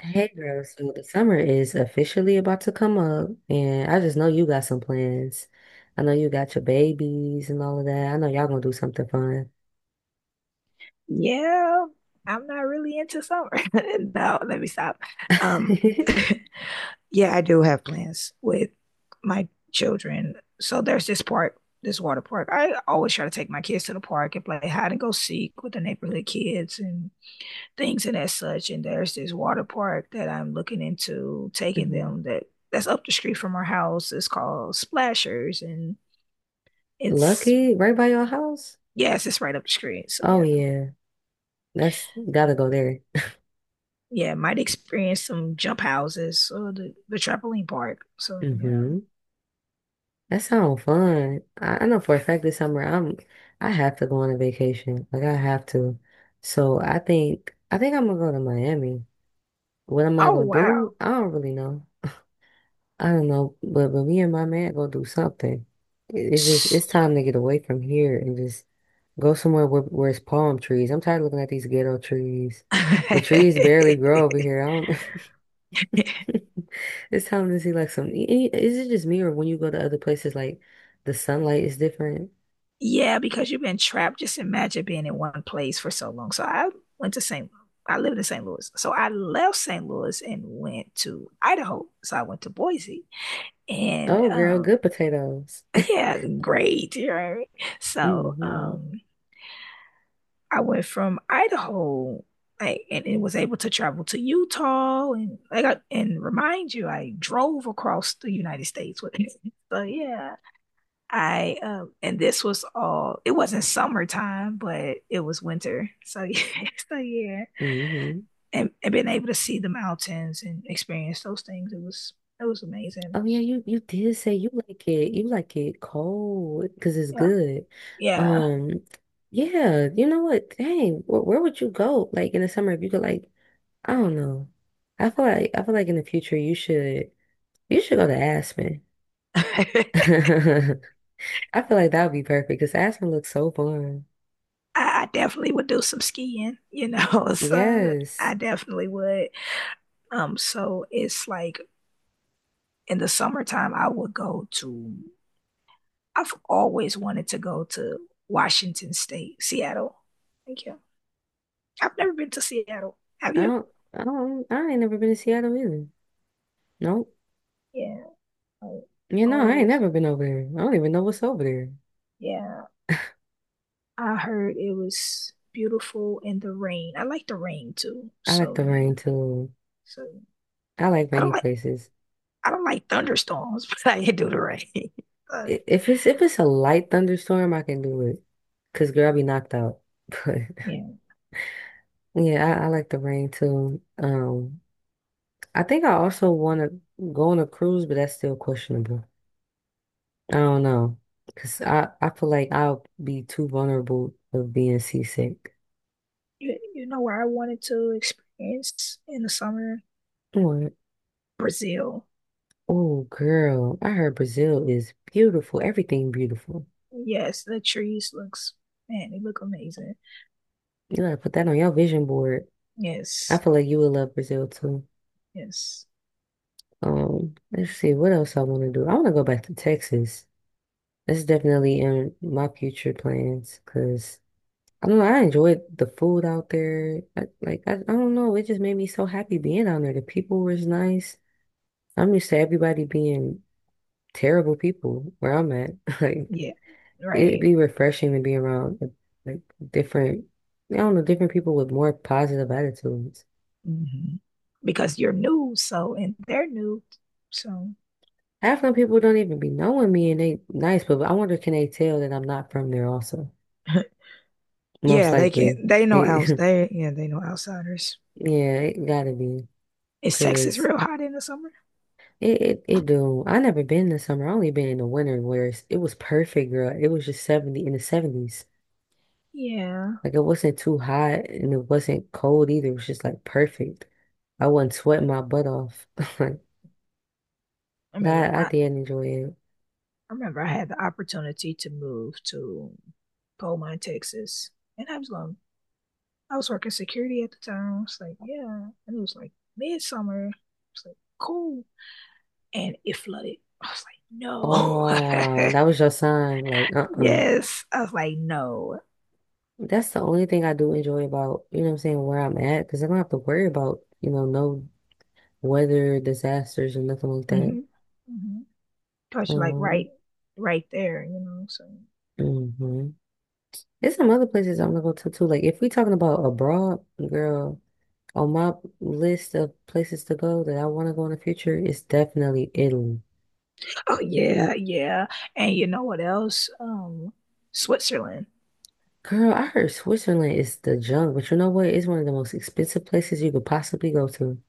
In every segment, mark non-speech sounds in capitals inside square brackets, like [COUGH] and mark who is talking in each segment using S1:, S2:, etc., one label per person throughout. S1: Hey girl, so the summer is officially about to come up, and I just know you got some plans. I know you got your babies and all of that. I know y'all gonna do something fun.
S2: Yeah, I'm not really into summer. [LAUGHS] No, let me stop.
S1: [LAUGHS]
S2: Um, [LAUGHS] yeah, I do have plans with my children. So there's this park, this water park. I always try to take my kids to the park and play hide and go seek with the neighborhood kids and things and as such. And there's this water park that I'm looking into taking
S1: Mhm.
S2: them that's up the street from our house. It's called Splashers, and it's
S1: Lucky, right by your house?
S2: yes, it's right up the street. So
S1: Oh
S2: yeah.
S1: yeah, that's gotta go there.
S2: Yeah, might experience some jump houses or the trampoline park. So yeah.
S1: hmm That sounds fun. I know for a fact this summer I have to go on a vacation. Like I have to. So I think I'm gonna go to Miami. What am I
S2: Oh,
S1: gonna
S2: wow.
S1: do? I don't really know. I don't know, but me and my man go do something. It's just
S2: S-
S1: it's time to get away from here and just go somewhere where it's palm trees. I'm tired of looking at these ghetto trees. The trees barely grow
S2: [LAUGHS]
S1: over here. I don't. [LAUGHS] It's time to see like some. Is it just me or when you go to other places like the sunlight is different?
S2: Yeah, because you've been trapped. Just imagine being in one place for so long. So I went to St. I lived in St. Louis. So I left St. Louis and went to Idaho. So I went to Boise. And
S1: Oh, girl, good potatoes.
S2: yeah, great. Right.
S1: [LAUGHS]
S2: So
S1: hmm
S2: I went from Idaho, like, and it was able to travel to Utah, and like, and remind you, I drove across the United States with it. [LAUGHS] So yeah, I and this was all. It wasn't summertime, but it was winter. So yeah, [LAUGHS] so yeah,
S1: hmm
S2: and being able to see the mountains and experience those things, it was amazing.
S1: Oh yeah, you did say you like it. You like it cold because it's
S2: Yeah,
S1: good.
S2: yeah.
S1: Um, yeah, you know what? Dang, where would you go like in the summer if you could, like I don't know. I feel like in the future you should go to Aspen.
S2: [LAUGHS]
S1: [LAUGHS] I
S2: I,
S1: feel like that would be perfect because Aspen looks so fun.
S2: I definitely would do some skiing. [LAUGHS] So
S1: Yes,
S2: I definitely would. So it's like in the summertime, I've always wanted to go to Washington State, Seattle. Thank you. I've never been to Seattle. Have
S1: I
S2: you?
S1: don't I don't I ain't never been to Seattle either. Nope.
S2: Yeah, I
S1: You know I ain't
S2: always.
S1: never been over there. I don't even know what's over there.
S2: Yeah, I heard it was beautiful in the rain. I like the rain too.
S1: I like
S2: So
S1: the
S2: yeah.
S1: rain too.
S2: So
S1: I like
S2: I
S1: rainy
S2: don't like
S1: places.
S2: I don't like thunderstorms, [LAUGHS] but I do the rain. [LAUGHS] But
S1: If it's, if it's a light thunderstorm, I can do it. Cause girl, I be knocked out. [LAUGHS]
S2: yeah,
S1: But yeah, I like the rain too. I think I also want to go on a cruise, but that's still questionable. I don't know. Cause I feel like I'll be too vulnerable of being seasick.
S2: you know where I wanted to experience in the summer?
S1: What?
S2: Brazil.
S1: Oh, girl, I heard Brazil is beautiful. Everything beautiful.
S2: Yes, the trees looks, man, they look amazing.
S1: You gotta put that on your vision board. I
S2: Yes,
S1: feel like you would love Brazil too.
S2: yes,
S1: Let's see what else I want to do. I want to go back to Texas. It's definitely in my future plans because I don't know, I enjoyed the food out there. I don't know, it just made me so happy being down there. The people was nice. I'm used to everybody being terrible people where I'm at. [LAUGHS] Like
S2: yeah,
S1: it'd
S2: right.
S1: be refreshing to be around like different, I don't know, different people with more positive attitudes.
S2: hmm Because you're new, so and they're new, so
S1: Half of the people don't even be knowing me and they nice, but I wonder can they tell that I'm not from there also?
S2: [LAUGHS]
S1: Most
S2: yeah, they can.
S1: likely.
S2: They know outs.
S1: [LAUGHS]
S2: They Yeah, they know outsiders.
S1: Yeah, it gotta be.
S2: Is Texas
S1: Cause
S2: real hot in the summer?
S1: it do. I never been in the summer. I only been in the winter where it was perfect, girl. It was just 70, in the 70s.
S2: Yeah,
S1: Like it wasn't too hot and it wasn't cold either. It was just like perfect. I wasn't sweating my butt off. [LAUGHS]
S2: I
S1: But
S2: remember.
S1: I
S2: I, I
S1: did enjoy it.
S2: remember I had the opportunity to move to Beaumont, Texas, and I was going. I was working security at the time. I was like, yeah, and it was like midsummer. It's like cool, and it flooded. I was like,
S1: Oh,
S2: no.
S1: that was your sign. Like,
S2: [LAUGHS]
S1: uh-uh.
S2: Yes. I was like, no.
S1: That's the only thing I do enjoy about, you know what I'm saying, where I'm at, because I don't have to worry about, you know, no weather disasters or nothing like that.
S2: Mm-hmm. Mm-hmm. Cause you're like
S1: Um,
S2: right there. So,
S1: mhm. There's some other places I want to go to too. Like if we talking about abroad, girl, on my list of places to go that I want to go in the future, it's definitely Italy.
S2: oh yeah, yeah. And you know what else? Switzerland.
S1: Girl, I heard Switzerland is the junk, but you know what? It's one of the most expensive places you could possibly go to.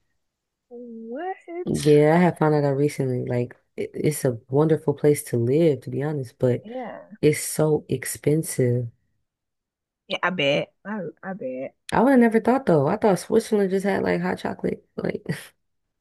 S2: What?
S1: Yeah, I have found that out recently. It's a wonderful place to live, to be honest, but
S2: Yeah.
S1: it's so expensive.
S2: Yeah. I bet. I bet.
S1: I would have never thought though. I thought Switzerland just had like hot chocolate. Like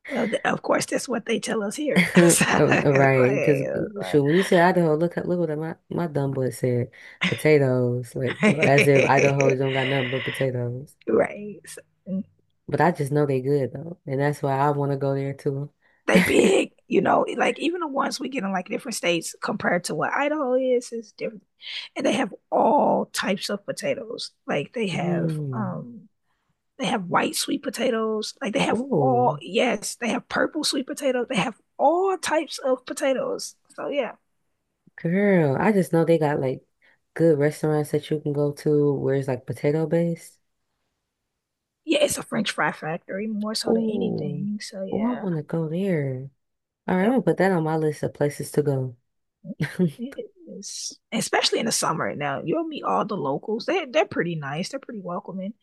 S2: Well, of course, that's what they tell us here. [LAUGHS]
S1: [LAUGHS]
S2: So,
S1: Oh, Right, because shoot, when you said Idaho, look what my dumb boy said, potatoes, like well, as if Idaho don't
S2: [LAUGHS]
S1: got nothing but potatoes.
S2: right. So, mm-hmm.
S1: But I just know they good though, and that's why I want to go there too.
S2: They
S1: [LAUGHS]
S2: big, like even the ones we get in like different states compared to what Idaho is different. And they have all types of potatoes. Like
S1: Mm.
S2: they have white sweet potatoes. Like they have all
S1: Oh,
S2: Yes, they have purple sweet potatoes. They have all types of potatoes. So yeah.
S1: girl, I just know they got like good restaurants that you can go to where it's like potato based.
S2: Yeah, it's a French fry factory more so than
S1: Oh,
S2: anything. So
S1: oh, I
S2: yeah.
S1: want to go there. All right, I'm
S2: Yep.
S1: gonna put that on my list of places to go. [LAUGHS]
S2: It is. Especially in the summer. Now you'll meet all the locals. They're pretty nice. They're pretty welcoming.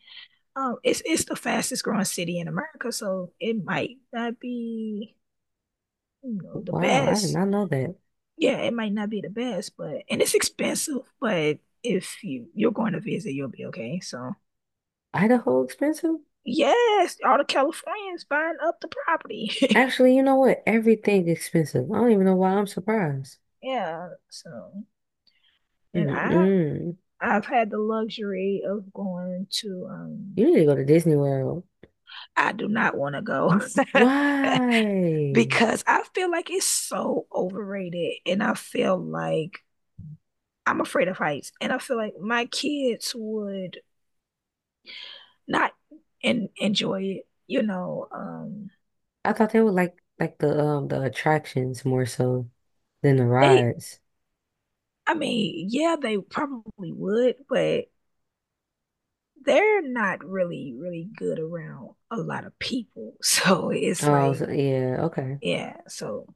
S2: It's the fastest growing city in America, so it might not be the
S1: Wow, I did
S2: best.
S1: not know that.
S2: Yeah, it might not be the best, but and it's expensive. But if you're going to visit, you'll be okay. So
S1: Idaho expensive?
S2: yes, all the Californians buying up the property.
S1: Actually, you know what? Everything expensive. I don't even know why I'm surprised.
S2: [LAUGHS] Yeah, so and I
S1: Mm-mm.
S2: I've had the luxury of going to.
S1: You need to go to Disney World.
S2: I do not want to go [LAUGHS]
S1: Why?
S2: because I feel like it's so overrated and I feel like I'm afraid of heights, and I feel like my kids would not enjoy it. You know,
S1: I thought they would like the attractions more so than the
S2: they.
S1: rides.
S2: I mean, yeah, they probably would, but they're not really, really good around a lot of people. [LAUGHS] So it's
S1: Oh,
S2: like,
S1: so, yeah, okay.
S2: yeah, so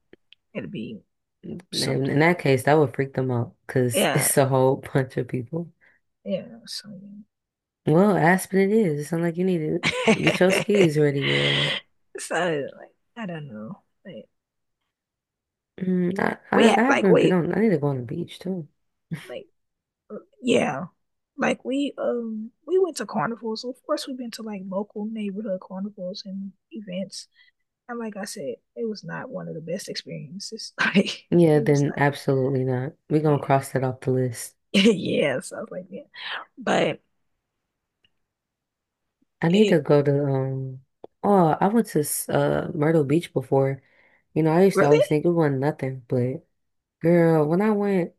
S2: it'll be
S1: In
S2: something.
S1: that case, that would freak them out because [LAUGHS]
S2: Yeah,
S1: it's a whole bunch of people.
S2: yeah, so
S1: Well, Aspen it is. It sounds like you need to get your
S2: yeah.
S1: skis ready, girl.
S2: [LAUGHS] So like, I don't know. Like,
S1: Mm, I,
S2: we
S1: I I
S2: ha- like
S1: haven't been
S2: we
S1: on. I need to go on the beach too.
S2: like yeah we went to carnivals. So of course we've been to like local neighborhood carnivals and events. And like I said, it was not one of the best experiences. [LAUGHS] Like
S1: Yeah,
S2: it was
S1: then
S2: not.
S1: absolutely not. We're gonna
S2: Yeah.
S1: cross that off the list.
S2: [LAUGHS] Yeah, so I was like, yeah. But
S1: I need
S2: it
S1: to go to oh, I went to Myrtle Beach before. You know, I used to
S2: really
S1: always think it wasn't nothing, but girl, when I went,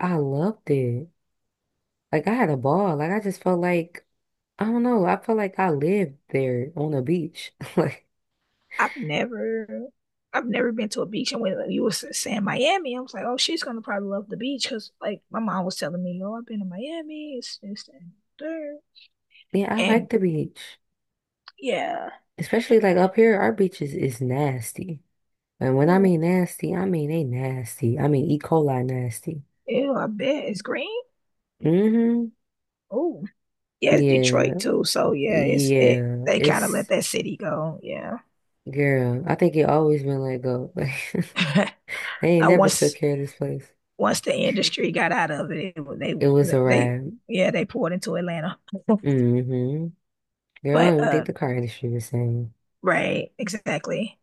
S1: I loved it. Like I had a ball. Like I just felt like I don't know, I felt like I lived there on the beach. [LAUGHS] Like,
S2: I've never I've never been to a beach, and when you were saying Miami, I was like, "Oh, she's gonna probably love the beach," because like my mom was telling me, "Oh, I've been to Miami, it's this and there,"
S1: yeah, I
S2: and
S1: like the beach.
S2: yeah,
S1: Especially like up here, our beaches is nasty. And when I
S2: uh,
S1: mean nasty, I mean they nasty. I mean E. coli nasty.
S2: ew, I bet it's green.
S1: Mm-hmm.
S2: Oh, yeah, it's
S1: Yeah.
S2: Detroit too. So yeah, it's it.
S1: Yeah,
S2: They kind of let
S1: it's
S2: that city go. Yeah.
S1: girl. I think it always been let go. [LAUGHS]
S2: [LAUGHS]
S1: Like they ain't
S2: Now
S1: never took
S2: once
S1: care of this place.
S2: once the industry got out of it. it was- they
S1: It was a
S2: they
S1: ride.
S2: yeah they poured into Atlanta.
S1: Mm-hmm. Girl, I don't
S2: But
S1: even think the car industry was saying.
S2: right, exactly.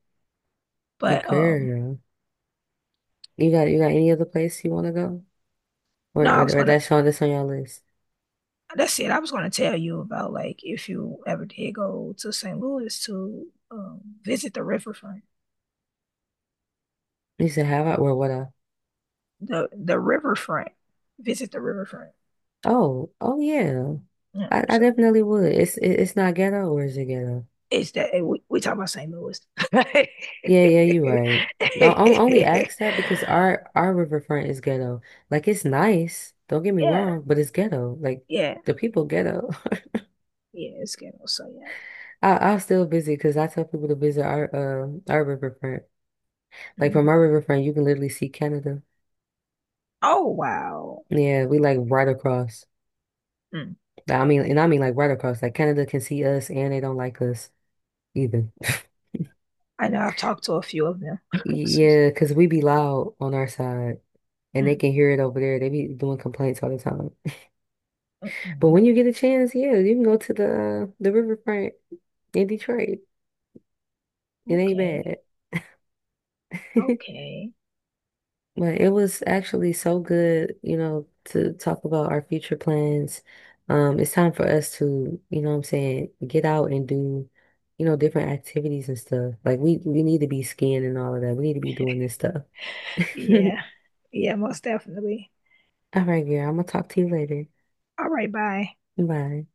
S1: But
S2: But
S1: girl, you got any other place you want to go, or
S2: No, I was
S1: or, or
S2: gonna.
S1: that's on your list?
S2: That's it. I was gonna tell you about like if you ever did go to St. Louis to visit the riverfront,
S1: You said have I or what I?
S2: the riverfront, visit the riverfront.
S1: Oh, oh yeah.
S2: Yeah,
S1: I
S2: so.
S1: definitely would. It's not ghetto or is it ghetto?
S2: It's that hey, we talk about St. Louis.
S1: Yeah, yeah, you're right. No, only ask that because
S2: [LAUGHS]
S1: our riverfront is ghetto. Like it's nice, don't get me
S2: Yeah,
S1: wrong, but it's ghetto. Like
S2: yeah, yeah.
S1: the people ghetto. [LAUGHS]
S2: It's ghetto. So yeah.
S1: I'll still visit because I tell people to visit our riverfront. Like
S2: Mm.
S1: from our riverfront, you can literally see Canada.
S2: Oh, wow.
S1: Yeah, we like right across.
S2: Mm.
S1: I mean, and I mean like right across. Like Canada can see us, and they don't like us either. [LAUGHS]
S2: I know I've talked to a few of them. [LAUGHS] So,
S1: Yeah, because we be loud on our side, and they
S2: mm,
S1: can hear it over there. They be doing complaints all the time.
S2: mm,
S1: But
S2: mm.
S1: when you get a chance, yeah, you can go to the riverfront in Detroit. It ain't
S2: Okay,
S1: bad. [LAUGHS]
S2: okay.
S1: But it was actually so good, you know, to talk about our future plans. It's time for us to, you know what I'm saying, get out and do, you know, different activities and stuff. Like we need to be skiing and all of that. We need to be doing this stuff. [LAUGHS]
S2: Yeah, yeah. Most definitely.
S1: All right, girl, I'm gonna talk to you later.
S2: All right. Bye.
S1: Bye.